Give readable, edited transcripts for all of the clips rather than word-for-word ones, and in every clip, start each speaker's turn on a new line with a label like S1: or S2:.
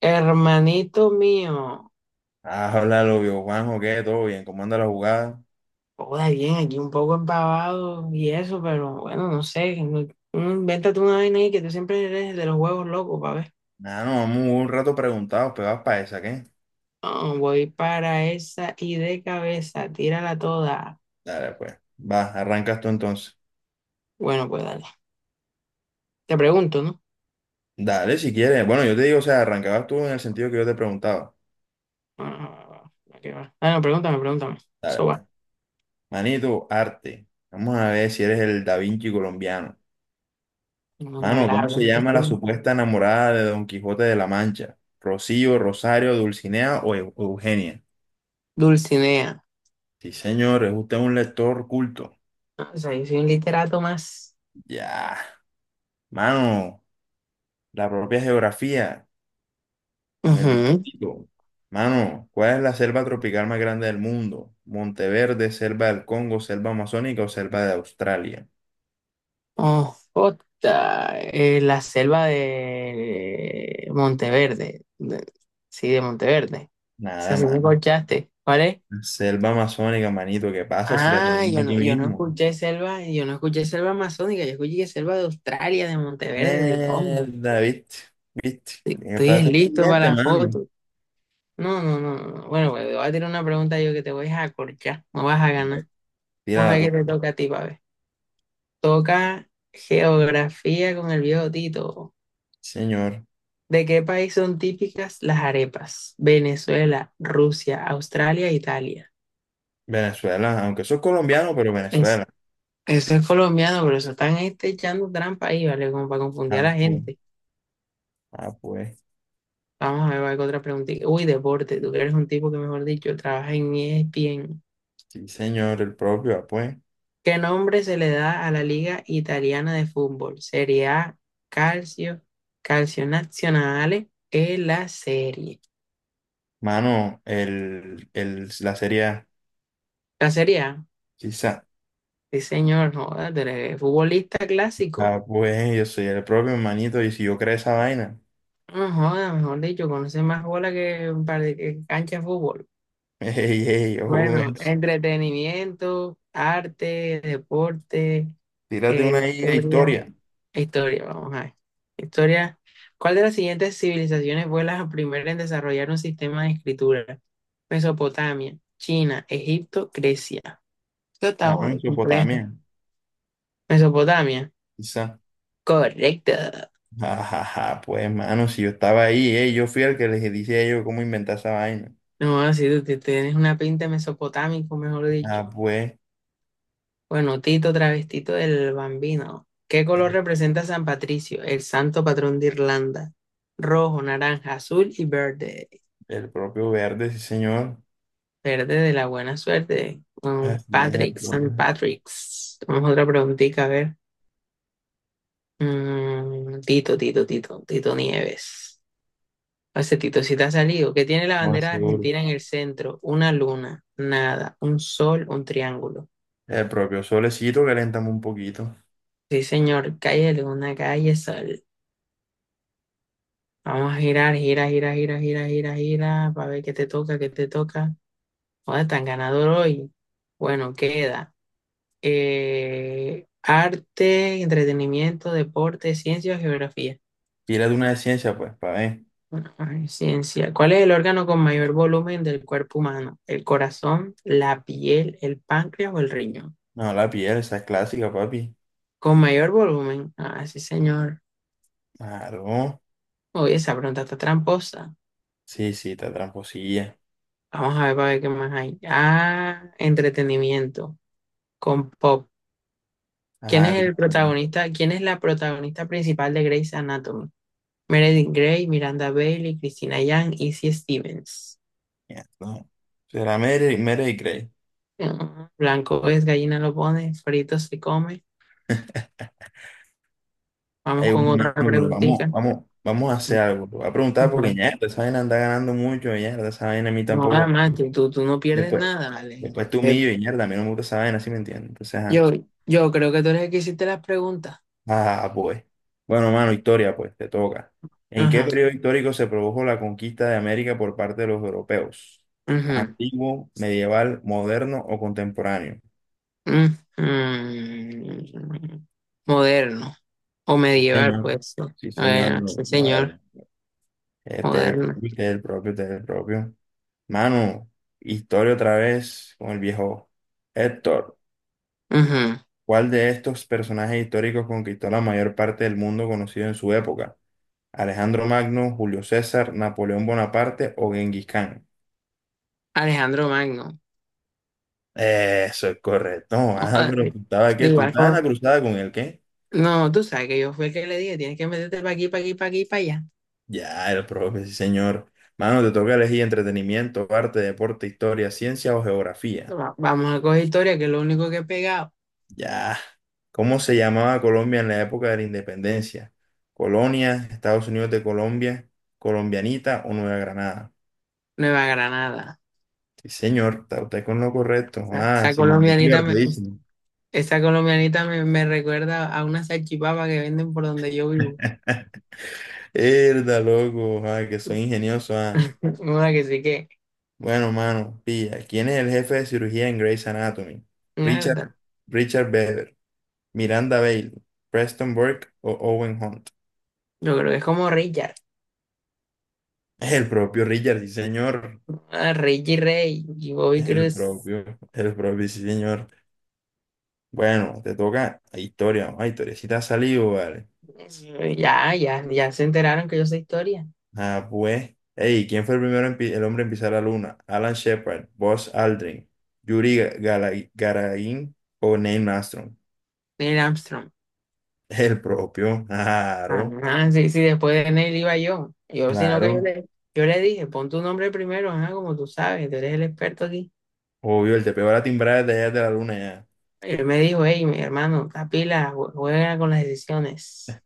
S1: Hermanito mío,
S2: Ah, hola, lo vio Juanjo, ¿qué? ¿Todo bien? ¿Cómo anda la jugada?
S1: joda bien, aquí un poco empavado y eso, pero bueno, no sé, invéntate una vaina ahí que tú siempre eres de los huevos locos, pa' ver.
S2: Ah, no, vamos un rato preguntados, pegados para esa, ¿qué?
S1: Ah, voy para esa y de cabeza, tírala toda.
S2: Dale, pues. Va, arrancas tú entonces.
S1: Bueno, pues dale. Te pregunto, ¿no?
S2: Dale, si quieres. Bueno, yo te digo, o sea, arrancabas tú en el sentido que yo te preguntaba.
S1: Ah, ¿a qué va? Ah, no, pregúntame, pregúntame.
S2: Dale,
S1: Eso
S2: pues.
S1: va.
S2: Manito, arte. Vamos a ver si eres el Da Vinci colombiano.
S1: No me
S2: Mano, ¿cómo
S1: agrada.
S2: se llama la supuesta enamorada de Don Quijote de la Mancha? ¿Rocío, Rosario, Dulcinea o Eugenia?
S1: Dulcinea.
S2: Sí, señor, es usted un lector culto.
S1: Ah, o sea, yo soy un literato más.
S2: Ya. Mano, la propia geografía. Con el bigotito. Mano, ¿cuál es la selva tropical más grande del mundo? ¿Monteverde, selva del Congo, selva amazónica o selva de Australia?
S1: Oh, puta, la selva de Monteverde. Sí, de Monteverde. O sea,
S2: Nada,
S1: si me
S2: mano.
S1: escuchaste. ¿Cuál es?
S2: Selva amazónica, manito, ¿qué pasa si la
S1: Ah,
S2: tenemos aquí
S1: yo no
S2: mismo?
S1: escuché selva, yo no escuché selva amazónica, yo escuché selva de Australia, de Monteverde, del Congo.
S2: Mierda, viste, viste. Tienes que
S1: Estoy
S2: pararte
S1: listo para
S2: pendiente,
S1: la
S2: mano.
S1: foto. No, no, no, no, no. Bueno, pues, te voy a tirar una pregunta yo que te voy a acorchar. No vas a ganar.
S2: Tira
S1: Vamos a
S2: la
S1: ver qué te
S2: topa.
S1: toca a ti, pa' ver. Toca geografía con el viejo Tito.
S2: Señor.
S1: ¿De qué país son típicas las arepas? Venezuela, Rusia, Australia, Italia.
S2: Venezuela, aunque soy colombiano, pero
S1: Es,
S2: Venezuela.
S1: Eso es colombiano, pero eso están este, echando trampa ahí, ¿vale? Como para confundir a la
S2: Ah, pues.
S1: gente.
S2: Ah, pues.
S1: Vamos a ver, ¿cuál otra preguntita? Uy, deporte. Tú que eres un tipo que, mejor dicho, trabaja en ESPN.
S2: Sí, señor, el propio, ah, pues.
S1: ¿Qué nombre se le da a la Liga Italiana de Fútbol? Serie A, Calcio, Calcio Nazionale, es la serie.
S2: Mano, la serie A.
S1: La Serie A.
S2: Sí,
S1: Sí, señor, joder, tú eres futbolista clásico.
S2: ah, pues yo soy el propio hermanito y si yo creo esa vaina.
S1: No joda, mejor dicho, conoce más bola que, que cancha de fútbol.
S2: Ey, ey, ojo con
S1: Bueno,
S2: eso.
S1: entretenimiento, arte, deporte,
S2: Tírate una ahí de
S1: historia,
S2: historia,
S1: historia, vamos a ver. Historia. ¿Cuál de las siguientes civilizaciones fue la primera en desarrollar un sistema de escritura? Mesopotamia, China, Egipto, Grecia. Esto está
S2: mano.
S1: joda, complejo.
S2: Mesopotamia,
S1: Mesopotamia.
S2: quizá.
S1: Correcto.
S2: Ajá, pues mano, si yo estaba ahí, ey, yo fui el que les dije a ellos cómo inventar esa vaina.
S1: No, si tienes una pinta de mesopotámico, mejor
S2: Ah,
S1: dicho.
S2: pues,
S1: Bueno, Tito, travestito del Bambino. ¿Qué color
S2: el,
S1: representa San Patricio, el santo patrón de Irlanda? Rojo, naranja, azul y verde.
S2: el propio verde, sí señor.
S1: Verde de la buena suerte. Mm,
S2: Así es, el
S1: Patrick, San
S2: propio,
S1: Patrick's. Vamos a otra preguntita, a ver. Mm, Tito, Tito, Tito, Tito Nieves. Hace Tito, si te ha salido. ¿Qué tiene la
S2: no, más
S1: bandera de
S2: seguro.
S1: Argentina en el centro? Una luna, nada, un sol, un triángulo.
S2: El propio solecito, caléntame un poquito.
S1: Sí, señor, calle luna, calle sol. Vamos a girar, gira, gira, gira, gira, gira, gira, para ver qué te toca, qué te toca. ¿Dónde tan ganador hoy? Bueno, queda arte, entretenimiento, deporte, ciencia o geografía.
S2: Tírate una de ciencia, pues, para ver.
S1: Bueno, ay, ciencia. ¿Cuál es el órgano con mayor volumen del cuerpo humano? ¿El corazón, la piel, el páncreas o el riñón?
S2: No, la piel, esa es clásica, papi.
S1: Con mayor volumen. Ah, sí, señor.
S2: Claro,
S1: Oye, esa pregunta está tramposa.
S2: sí, sí, está tramposilla.
S1: Vamos a ver para ver qué más hay. Ah, entretenimiento. Con pop. ¿Quién es
S2: Ajá, tiene
S1: el
S2: una
S1: protagonista? ¿Quién es la protagonista principal de Grey's Anatomy? Meredith Grey, Miranda Bailey, Christina Yang, Izzy Stevens.
S2: mierda. Será Mary, Mary y Gray.
S1: Mm, blanco es, gallina lo pone, frito se come. Vamos
S2: Ey,
S1: con
S2: bueno,
S1: otra
S2: hermano, pero vamos,
S1: preguntita.
S2: vamos, vamos a hacer algo. Te voy a preguntar porque mierda, esa vaina anda ganando mucho, mierda, esa vaina a mí
S1: No,
S2: tampoco.
S1: además, tú no pierdes
S2: Después,
S1: nada, vale.
S2: después tú humillo y mierda, a mí no me gusta esa vaina, ¿sí me entiendes? Entonces, ajá.
S1: Yo, yo creo que tú eres el que hiciste las preguntas.
S2: Ah, pues. Bueno, mano, historia, pues, te toca. ¿En qué
S1: Ajá.
S2: periodo histórico se produjo la conquista de América por parte de los europeos?
S1: Ujú,
S2: ¿Antiguo, medieval, moderno o contemporáneo?
S1: ujú. Moderno o
S2: Sí,
S1: medieval,
S2: señor.
S1: pues.
S2: Sí, señor,
S1: Bueno,
S2: no,
S1: sí, señor.
S2: moderno. Este es
S1: Moderno.
S2: el, este propio, este propio. Mano, historia otra vez con el viejo Héctor.
S1: Ujú.
S2: ¿Cuál de estos personajes históricos conquistó la mayor parte del mundo conocido en su época? ¿Alejandro Magno, Julio César, Napoleón Bonaparte o Genghis Khan?
S1: Alejandro Magno.
S2: Eso es correcto.
S1: O
S2: Ah,
S1: sea,
S2: pero tú estabas,
S1: de
S2: ¿qué? ¿Tú
S1: igual
S2: estabas en la
S1: forma.
S2: cruzada con el qué?
S1: No, tú sabes que yo fui el que le dije, tienes que meterte para aquí, para aquí, para aquí, para allá.
S2: Ya, el propio, sí, señor. Mano, te toca elegir entretenimiento, arte, deporte, historia, ciencia o geografía.
S1: Vamos a coger historia, que es lo único que he pegado.
S2: Ya. ¿Cómo se llamaba Colombia en la época de la independencia? Colonia, Estados Unidos de Colombia, Colombianita o Nueva Granada.
S1: Nueva Granada.
S2: Sí, señor, está usted con lo correcto.
S1: O
S2: Ah,
S1: Esa
S2: Simón
S1: colombianita
S2: Bolívar
S1: me,
S2: te dice.
S1: me recuerda a una salchipapa que venden por donde yo vivo.
S2: Herda, loco, ah, que soy ingenioso. Ah.
S1: Una que sí que,
S2: Bueno, mano, pilla. ¿Quién es el jefe de cirugía en Grey's Anatomy?
S1: mierda.
S2: Richard, Richard Bever, Miranda Bailey, Preston Burke o Owen Hunt.
S1: Yo creo que es como Richard.
S2: El propio Richard, sí, señor.
S1: Ah, Richie Rey y Bobby
S2: El
S1: Cruz.
S2: propio, el propio, sí, señor. Bueno, te toca a historia, vamos a historia. Si te ha salido, vale.
S1: Ya, ya, ya se enteraron que yo sé historia.
S2: Ah, pues. Ey, ¿quién fue el primero en el hombre en pisar la luna? Alan Shepard, Buzz Aldrin, Gagarin o Neil Armstrong.
S1: Neil Armstrong.
S2: El propio, claro,
S1: Ah sí, sí, después de Neil iba yo. Yo, sino que
S2: claro.
S1: yo le dije, pon tu nombre primero, ajá, como tú sabes, tú eres el experto aquí.
S2: Obvio, el te pegó la timbrada desde allá de la luna ya.
S1: Y él me dijo, hey, mi hermano, capila, juega con las decisiones.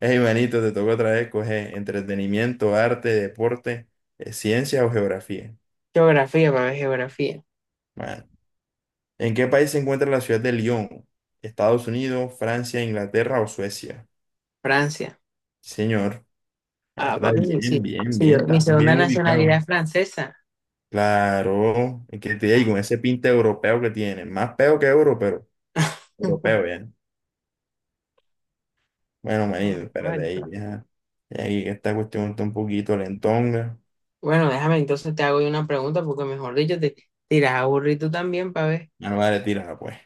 S2: Ey, manito, te toca otra vez coger entretenimiento, arte, deporte, ciencia o geografía.
S1: Geografía, para ver geografía.
S2: Bueno, ¿en qué país se encuentra la ciudad de Lyon? ¿Estados Unidos, Francia, Inglaterra o Suecia?
S1: Francia.
S2: Señor, la
S1: Ah,
S2: verdad,
S1: papi, sí,
S2: bien,
S1: sí.
S2: bien,
S1: Sí,
S2: bien,
S1: mi
S2: estás bien
S1: segunda nacionalidad
S2: ubicado.
S1: es francesa.
S2: Claro, es que te digo,
S1: Ah.
S2: con ese pinte europeo que tiene, más peo que euro, pero europeo, bien. Bueno,
S1: Ah,
S2: manito, espérate ahí, ya. Ya aquí que esta cuestión está un poquito lentonga.
S1: bueno, déjame entonces te hago yo una pregunta, porque mejor dicho, te tiras aburrido también, para ver.
S2: Ya no vale, tírala, pues.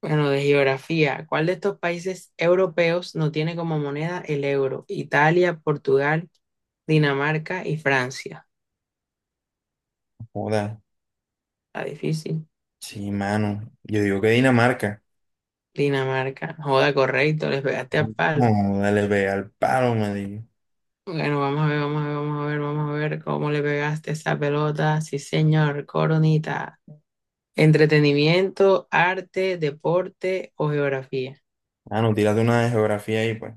S1: Bueno, de geografía, ¿cuál de estos países europeos no tiene como moneda el euro? Italia, Portugal, Dinamarca y Francia.
S2: Joda.
S1: Está difícil.
S2: Sí, mano. Yo digo que Dinamarca.
S1: Dinamarca. No joda, correcto, les pegaste al palo.
S2: No, dale, ve al palo, me digo.
S1: Bueno, vamos a ver, vamos a ver, vamos a ver, vamos a ver cómo le pegaste esa pelota. Sí, señor, coronita. Entretenimiento, arte, deporte o geografía.
S2: Mano, tírate una de geografía ahí, pues.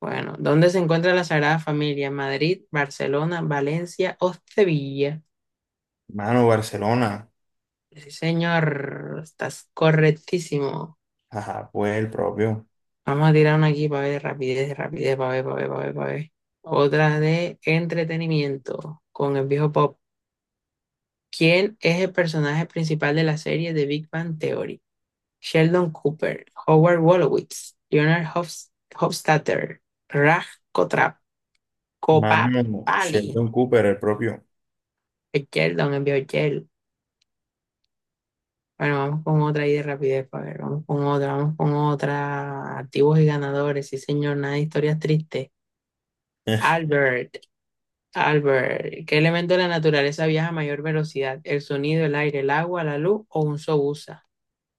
S1: Bueno, ¿dónde se encuentra la Sagrada Familia? ¿Madrid, Barcelona, Valencia o Sevilla?
S2: Mano, Barcelona.
S1: Sí, señor, estás correctísimo.
S2: Ajá, pues el propio.
S1: Vamos a tirar una aquí para ver rapidez, rapidez, para ver, para ver, para ver, para ver. Otra de entretenimiento con el viejo Pop. ¿Quién es el personaje principal de la serie de Big Bang Theory? Sheldon Cooper, Howard Wolowitz, Hofstadter, Raj Kotrap,
S2: Mano,
S1: Kopapali.
S2: Sheldon Cooper, el propio.
S1: El Sheldon, el viejo Sheldon. Bueno, vamos con otra ahí de rapidez, para ver, vamos con otra, vamos con otra. Activos y ganadores, sí señor, nada de historias tristes. Albert, Albert, ¿qué elemento de la naturaleza viaja a mayor velocidad? ¿El sonido, el aire, el agua, la luz o un sobusa?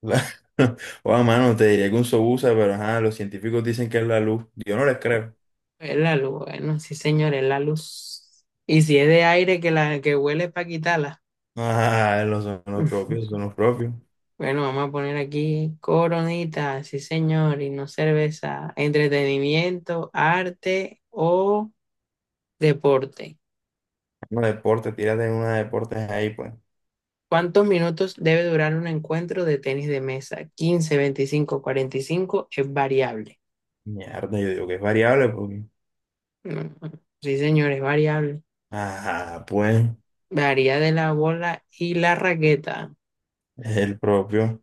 S2: La- O a mano, te diría que un sobusa, pero ajá, los científicos dicen que es la luz. Yo no les creo.
S1: Es la luz, bueno, sí señor, es la luz. Y si es de aire que la que huele es para quitarla.
S2: Ah, los son los propios, son los propios.
S1: Bueno, vamos a poner aquí coronita, sí señor, y no cerveza. Entretenimiento, arte o deporte.
S2: Una deporte, tírate en una deportes ahí, pues.
S1: ¿Cuántos minutos debe durar un encuentro de tenis de mesa? 15, 25, 45, es variable.
S2: Mierda, yo digo que es variable, porque.
S1: Mm, sí, señor, es variable.
S2: Ajá, pues,
S1: Varía de la bola y la raqueta.
S2: es el propio.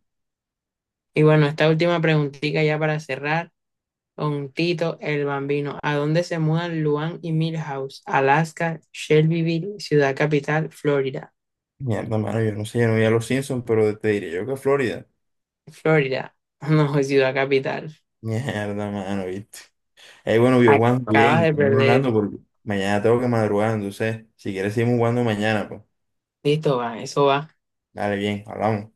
S1: Y bueno, esta última preguntita ya para cerrar con Tito el Bambino. ¿A dónde se mudan Luan y Milhouse? Alaska, Shelbyville, Ciudad Capital, Florida.
S2: Mierda, mano, yo no sé, yo no vi a los Simpsons, pero te diría yo que Florida.
S1: Florida. No, Ciudad Capital.
S2: Mierda, mano, viste. Bueno, vio Juan,
S1: Acabas
S2: bien,
S1: de
S2: estamos
S1: perder.
S2: hablando porque mañana tengo que madrugar, entonces, si quieres seguimos jugando mañana, pues.
S1: Listo, va, eso va.
S2: Dale, bien, hablamos.